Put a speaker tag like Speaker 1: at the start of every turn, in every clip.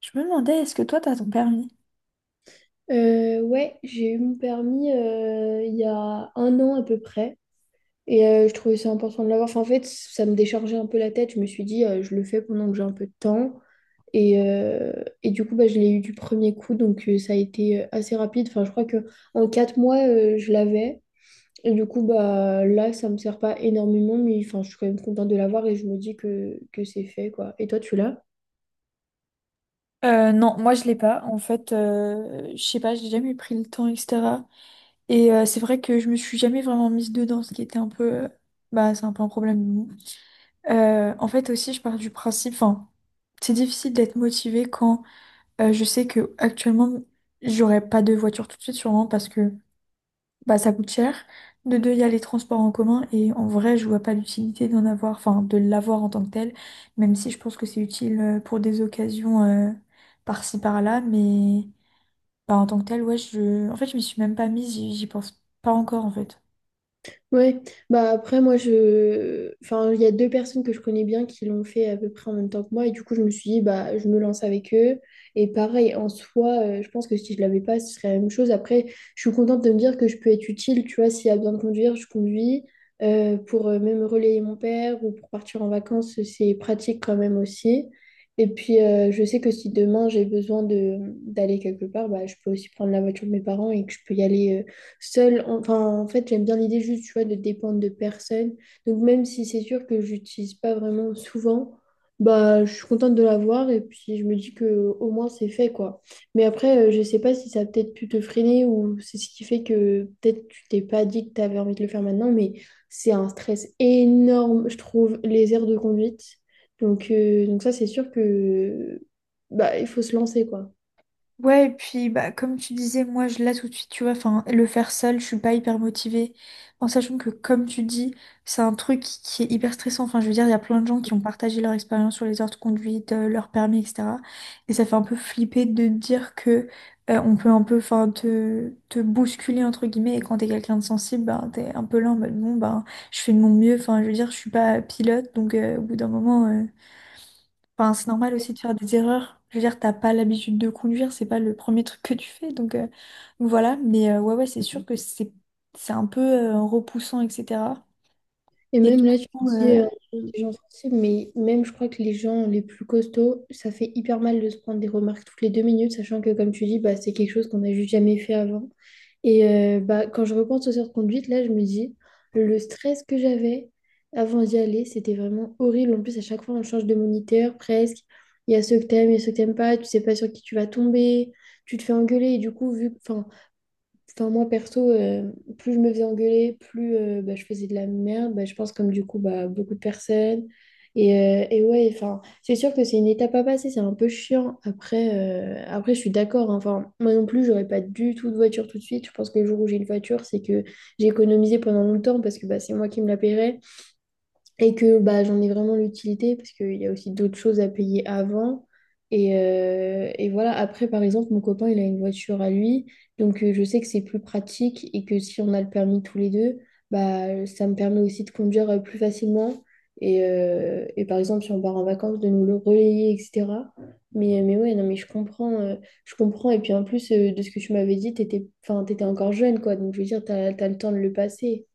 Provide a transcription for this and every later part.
Speaker 1: Je me demandais, est-ce que toi, t'as ton permis?
Speaker 2: Ouais, j'ai eu mon permis il y a un an à peu près. Et je trouvais ça important de l'avoir. Enfin, en fait, ça me déchargeait un peu la tête. Je me suis dit, je le fais pendant que j'ai un peu de temps. Et, euh, et du coup, bah, je l'ai eu du premier coup. Donc, ça a été assez rapide. Enfin, je crois que en 4 mois, je l'avais. Et du coup, bah, là, ça me sert pas énormément. Mais enfin, je suis quand même contente de l'avoir et je me dis que c'est fait, quoi. Et toi, tu l'as?
Speaker 1: Non, moi je l'ai pas. En fait, je sais pas, j'ai jamais pris le temps, etc. Et c'est vrai que je me suis jamais vraiment mise dedans, ce qui était un peu, bah, c'est un peu un problème. En fait aussi, je pars du principe, enfin, c'est difficile d'être motivée quand je sais que actuellement j'aurai pas de voiture tout de suite, sûrement parce que bah, ça coûte cher. De deux, il y a les transports en commun et en vrai, je vois pas l'utilité d'en avoir, enfin de l'avoir en tant que tel, même si je pense que c'est utile pour des occasions par-ci par-là, mais bah, en tant que tel, ouais, je... en fait, je m'y suis même pas mise, j'y pense pas encore en fait.
Speaker 2: Ouais, bah après moi je enfin il y a deux personnes que je connais bien qui l'ont fait à peu près en même temps que moi et du coup je me suis dit bah je me lance avec eux et pareil en soi je pense que si je l'avais pas ce serait la même chose après je suis contente de me dire que je peux être utile tu vois s'il y a besoin de conduire je conduis. Pour même relayer mon père ou pour partir en vacances c'est pratique quand même aussi et puis je sais que si demain j'ai besoin de d'aller quelque part bah je peux aussi prendre la voiture de mes parents et que je peux y aller seule. Enfin, en fait, j'aime bien l'idée juste, tu vois, de dépendre de personne. Donc, même si c'est sûr que j'utilise pas vraiment souvent, bah, je suis contente de l'avoir et puis je me dis que au moins c'est fait, quoi. Mais après, je sais pas si ça a peut-être pu te freiner ou c'est ce qui fait que peut-être tu t'es pas dit que tu avais envie de le faire maintenant, mais c'est un stress énorme, je trouve, les aires de conduite. Donc ça, c'est sûr que bah, il faut se lancer, quoi.
Speaker 1: Ouais, et puis bah comme tu disais, moi je là tout de suite, tu vois, enfin le faire seul, je suis pas hyper motivée. En sachant que comme tu dis, c'est un truc qui est hyper stressant. Enfin, je veux dire, il y a plein de gens qui ont partagé leur expérience sur les heures de conduite, leur permis, etc. Et ça fait un peu flipper de dire que on peut un peu, enfin, te bousculer entre guillemets. Et quand t'es quelqu'un de sensible, ben t'es un peu là en mode bon, ben je fais de mon mieux. Enfin, je veux dire, je suis pas pilote, donc au bout d'un moment. Enfin, c'est normal aussi de faire des erreurs. Je veux dire, t'as pas l'habitude de conduire, c'est pas le premier truc que tu fais. Donc voilà, mais ouais, c'est sûr que c'est un peu repoussant, etc.
Speaker 2: Et
Speaker 1: Et du
Speaker 2: même là, tu te
Speaker 1: coup,
Speaker 2: dis
Speaker 1: euh, euh,
Speaker 2: les gens sensibles, mais même je crois que les gens les plus costauds, ça fait hyper mal de se prendre des remarques toutes les 2 minutes, sachant que comme tu dis, bah, c'est quelque chose qu'on n'a juste jamais fait avant. Et bah, quand je repense aux heures de conduite, là, je me dis, le stress que j'avais avant d'y aller, c'était vraiment horrible. En plus, à chaque fois, on change de moniteur presque. Il y a ceux que t'aimes, il y a ceux que t'aimes pas. Tu sais pas sur qui tu vas tomber. Tu te fais engueuler. Et du coup, vu, enfin. Enfin, moi, perso, plus je me faisais engueuler, plus bah, je faisais de la merde. Bah, je pense comme du coup, bah, beaucoup de personnes. Et ouais, enfin, c'est sûr que c'est une étape à passer, c'est un peu chiant. Après je suis d'accord, hein. Enfin, moi non plus, j'aurais pas du tout de voiture tout de suite. Je pense que le jour où j'ai une voiture, c'est que j'ai économisé pendant longtemps parce que bah, c'est moi qui me la paierais et que bah, j'en ai vraiment l'utilité parce qu'il y a aussi d'autres choses à payer avant. Et voilà, après, par exemple, mon copain, il a une voiture à lui, donc je sais que c'est plus pratique et que si on a le permis tous les deux, bah, ça me permet aussi de conduire plus facilement. Et par exemple, si on part en vacances, de nous le relayer, etc. Mais ouais, non, mais je comprends, je comprends. Et puis en plus, de ce que tu m'avais dit, t'étais, enfin, t'étais encore jeune, quoi. Donc je veux dire, t'as le temps de le passer.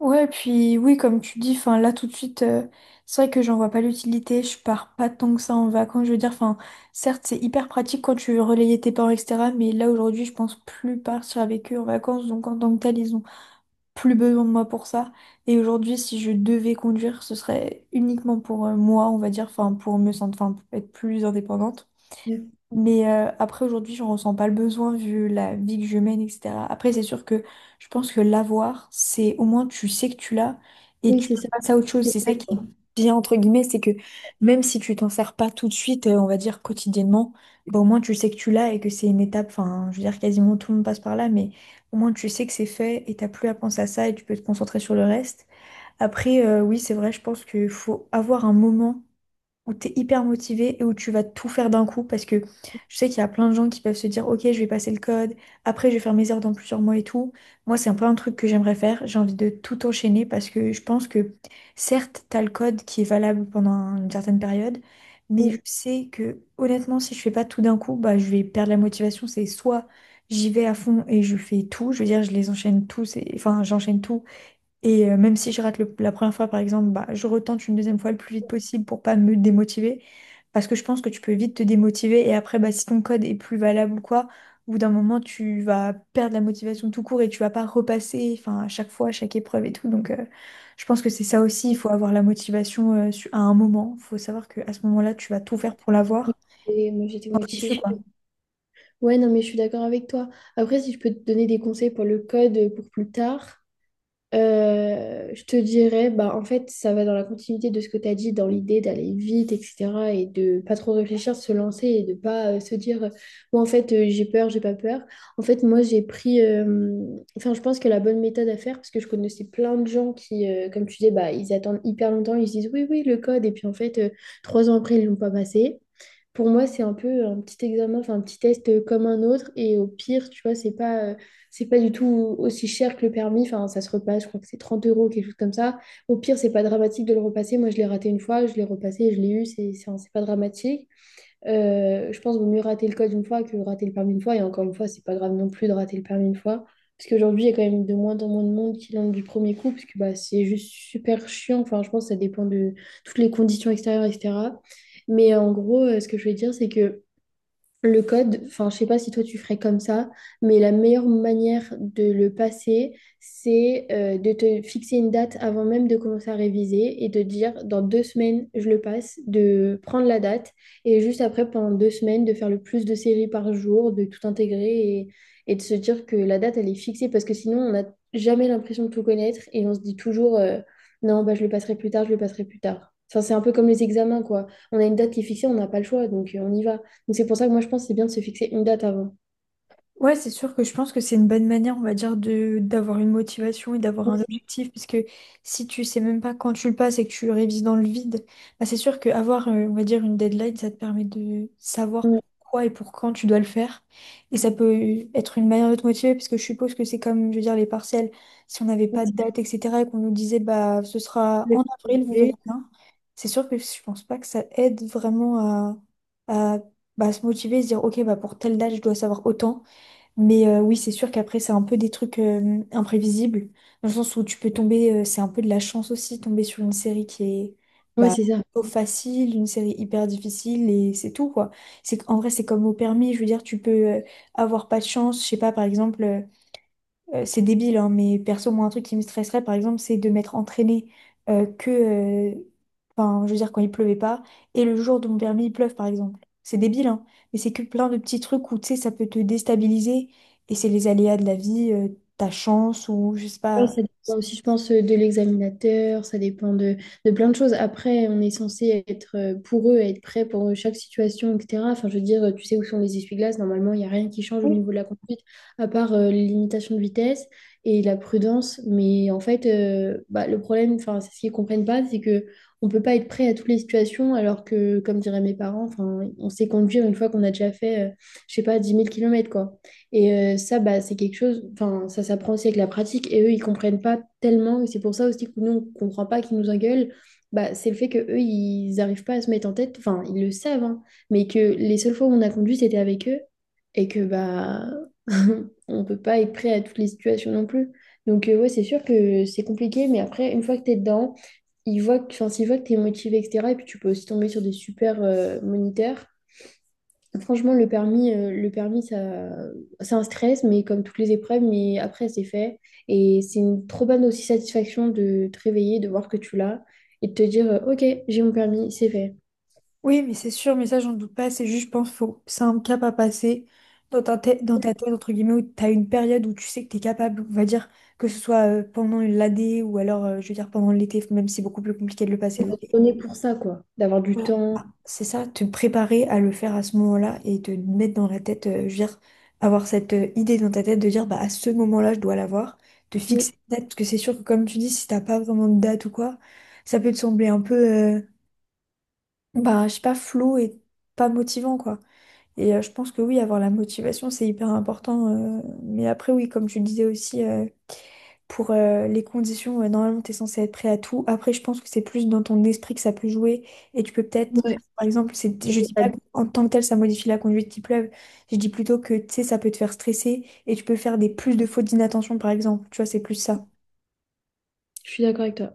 Speaker 1: ouais, puis oui, comme tu dis, enfin là tout de suite, c'est vrai que j'en vois pas l'utilité. Je pars pas tant que ça en vacances. Je veux dire, enfin, certes, c'est hyper pratique quand tu veux relayer tes parents, etc. Mais là aujourd'hui, je pense plus partir avec eux en vacances. Donc en tant que tel, ils ont plus besoin de moi pour ça. Et aujourd'hui, si je devais conduire, ce serait uniquement pour moi, on va dire, enfin, pour me sentir, enfin, pour être plus indépendante.
Speaker 2: Ouais.
Speaker 1: Mais après, aujourd'hui, je ressens pas le besoin vu la vie que je mène, etc. Après, c'est sûr que je pense que l'avoir, c'est au moins tu sais que tu l'as et
Speaker 2: Oui,
Speaker 1: tu
Speaker 2: c'est
Speaker 1: peux
Speaker 2: ça.
Speaker 1: passer à autre chose.
Speaker 2: C'est
Speaker 1: C'est ça
Speaker 2: vrai,
Speaker 1: qui est
Speaker 2: quoi.
Speaker 1: bien, entre guillemets, c'est que même si tu t'en sers pas tout de suite, on va dire quotidiennement, bah, au moins tu sais que tu l'as et que c'est une étape. Enfin, je veux dire, quasiment tout le monde passe par là, mais au moins tu sais que c'est fait et t'as plus à penser à ça et tu peux te concentrer sur le reste. Après, oui, c'est vrai, je pense qu'il faut avoir un moment où tu es hyper motivé et où tu vas tout faire d'un coup parce que je sais qu'il y a plein de gens qui peuvent se dire ok je vais passer le code, après je vais faire mes heures dans plusieurs mois et tout. Moi c'est un peu un truc que j'aimerais faire, j'ai envie de tout enchaîner parce que je pense que certes tu as le code qui est valable pendant une certaine période, mais je
Speaker 2: Mm.
Speaker 1: sais que honnêtement si je fais pas tout d'un coup bah je vais perdre la motivation, c'est soit j'y vais à fond et je fais tout, je veux dire je les enchaîne tous, enfin j'enchaîne tout et même si je rate la première fois, par exemple, bah, je retente une deuxième fois le plus vite possible pour pas me démotiver. Parce que je pense que tu peux vite te démotiver. Et après, bah, si ton code est plus valable ou quoi, au bout d'un moment, tu vas perdre la motivation tout court et tu vas pas repasser, enfin, à chaque fois, à chaque épreuve et tout. Donc, je pense que c'est ça aussi. Il faut avoir la motivation, à un moment. Il faut savoir que à ce moment-là, tu vas tout faire pour l'avoir.
Speaker 2: Et moi, j'étais motivée. Ouais, non, mais je suis d'accord avec toi. Après, si je peux te donner des conseils pour le code pour plus tard, je te dirais, bah, en fait, ça va dans la continuité de ce que tu as dit, dans l'idée d'aller vite, etc. et de pas trop réfléchir, se lancer et de pas se dire, moi, en fait, j'ai peur, j'ai pas peur. En fait, moi, j'ai pris, enfin, je pense que la bonne méthode à faire, parce que je connaissais plein de gens qui, comme tu dis, bah, ils attendent hyper longtemps, ils se disent, oui, oui, le code, et puis en fait, 3 ans après, ils l'ont pas passé. Pour moi, c'est un peu un petit examen, enfin un petit test comme un autre. Et au pire, tu vois, c'est pas du tout aussi cher que le permis. Enfin, ça se repasse, je crois que c'est 30 euros, quelque chose comme ça. Au pire, c'est pas dramatique de le repasser. Moi, je l'ai raté une fois, je l'ai repassé, je l'ai eu, c'est pas dramatique. Je pense qu'il vaut mieux rater le code une fois que rater le permis une fois. Et encore une fois, c'est pas grave non plus de rater le permis une fois. Parce qu'aujourd'hui, il y a quand même de moins en moins de monde qui l'ont du premier coup, parce que bah, c'est juste super chiant. Enfin, je pense que ça dépend de toutes les conditions extérieures, etc. Mais en gros, ce que je veux dire, c'est que le code, enfin, je sais pas si toi tu ferais comme ça, mais la meilleure manière de le passer, c'est de te fixer une date avant même de commencer à réviser et de dire dans 2 semaines, je le passe, de prendre la date et juste après, pendant 2 semaines, de faire le plus de séries par jour, de tout intégrer et de se dire que la date, elle est fixée parce que sinon, on n'a jamais l'impression de tout connaître et on se dit toujours, non, bah, je le passerai plus tard, je le passerai plus tard. Enfin, c'est un peu comme les examens, quoi. On a une date qui est fixée, on n'a pas le choix, donc on y va. Donc c'est pour ça que moi je pense que c'est bien de se fixer une date avant.
Speaker 1: Ouais, c'est sûr que je pense que c'est une bonne manière, on va dire, de d'avoir une motivation et d'avoir
Speaker 2: Oui,
Speaker 1: un objectif, parce que si tu sais même pas quand tu le passes et que tu révises dans le vide, bah c'est sûr qu'avoir, on va dire, une deadline, ça te permet de
Speaker 2: c'est
Speaker 1: savoir pourquoi et pour quand tu dois le faire. Et ça peut être une manière de te motiver, parce que je suppose que c'est comme, je veux dire, les partiels, si on n'avait
Speaker 2: ouais,
Speaker 1: pas de date, etc., et qu'on nous disait, bah, ce sera
Speaker 2: c'est
Speaker 1: en avril, vous verrez
Speaker 2: ça.
Speaker 1: bien, c'est sûr que je pense pas que ça aide vraiment à bah, se motiver, se dire, ok, bah, pour telle date, je dois savoir autant. Mais oui, c'est sûr qu'après, c'est un peu des trucs imprévisibles, dans le sens où tu peux tomber, c'est un peu de la chance aussi, tomber sur une série qui est
Speaker 2: Ouais,
Speaker 1: bah,
Speaker 2: c'est ça.
Speaker 1: plutôt facile, une série hyper difficile, et c'est tout, quoi. C'est, en vrai, c'est comme au permis, je veux dire, tu peux avoir pas de chance, je sais pas, par exemple. C'est débile, hein, mais perso, moi, un truc qui me stresserait, par exemple, c'est de m'être entraînée euh, que, euh, enfin, je veux dire, quand il pleuvait pas, et le jour de mon permis, il pleuve, par exemple. C'est débile, hein, mais c'est que plein de petits trucs où, tu sais, ça peut te déstabiliser, et c'est les aléas de la vie, ta chance, ou je sais
Speaker 2: Ouais,
Speaker 1: pas.
Speaker 2: ça dépend aussi, je pense, de l'examinateur, ça dépend de plein de choses. Après, on est censé être pour eux, être prêt pour chaque situation, etc. Enfin, je veux dire, tu sais où sont les essuie-glaces, normalement, il n'y a rien qui change au niveau de la conduite, à part les limitations de vitesse et la prudence. Mais en fait, bah, le problème, enfin, c'est ce qu'ils ne comprennent pas, c'est que on peut pas être prêt à toutes les situations, alors que, comme diraient mes parents, enfin, on sait conduire une fois qu'on a déjà fait, je sais pas, 10 000 km, et ça, bah, c'est quelque chose, enfin, ça s'apprend aussi avec la pratique. Et eux, ils comprennent pas tellement. Et c'est pour ça aussi que nous, on comprend pas qu'ils nous engueulent. Bah, c'est le fait que eux, ils n'arrivent pas à se mettre en tête. Enfin, ils le savent, hein, mais que les seules fois où on a conduit, c'était avec eux. Et que, bah, on peut pas être prêt à toutes les situations non plus. Donc, ouais, c'est sûr que c'est compliqué. Mais après, une fois que tu es dedans, ils voient que, enfin, s'ils voient que tu es motivé, etc. Et puis, tu peux aussi tomber sur des super moniteurs. Franchement, le permis ça, c'est un stress, mais comme toutes les épreuves, mais après, c'est fait. Et c'est une trop bonne aussi satisfaction de te réveiller, de voir que tu l'as et de te dire, OK, j'ai mon permis, c'est fait.
Speaker 1: Oui, mais c'est sûr, mais ça, j'en doute pas. C'est juste, je pense, faut... c'est un cap à passer dans ta tête, entre guillemets, où tu as une période où tu sais que tu es capable, on va dire, que ce soit pendant l'AD ou alors, je veux dire, pendant l'été, même si c'est beaucoup plus compliqué de le passer l'été.
Speaker 2: On est pour ça, quoi, d'avoir du
Speaker 1: Ouais. Ah,
Speaker 2: temps.
Speaker 1: c'est ça, te préparer à le faire à ce moment-là et te mettre dans la tête, je veux dire, avoir cette idée dans ta tête de dire, bah, à ce moment-là, je dois l'avoir, te fixer
Speaker 2: Ouais,
Speaker 1: une date, parce que c'est sûr que, comme tu dis, si t'as pas vraiment de date ou quoi, ça peut te sembler un peu, euh, bah, je sais pas, flou et pas motivant, quoi. Et je pense que oui, avoir la motivation, c'est hyper important. Mais après, oui, comme tu le disais aussi, pour les conditions, normalement, tu es censé être prêt à tout. Après, je pense que c'est plus dans ton esprit que ça peut jouer. Et tu peux peut-être,
Speaker 2: ouais.
Speaker 1: par exemple, je dis pas qu'en tant que tel, ça modifie la conduite qui pleuve. Je dis plutôt que, tu sais, ça peut te faire stresser et tu peux faire des plus de fautes d'inattention, par exemple. Tu vois, c'est plus ça.
Speaker 2: Je suis d'accord avec toi.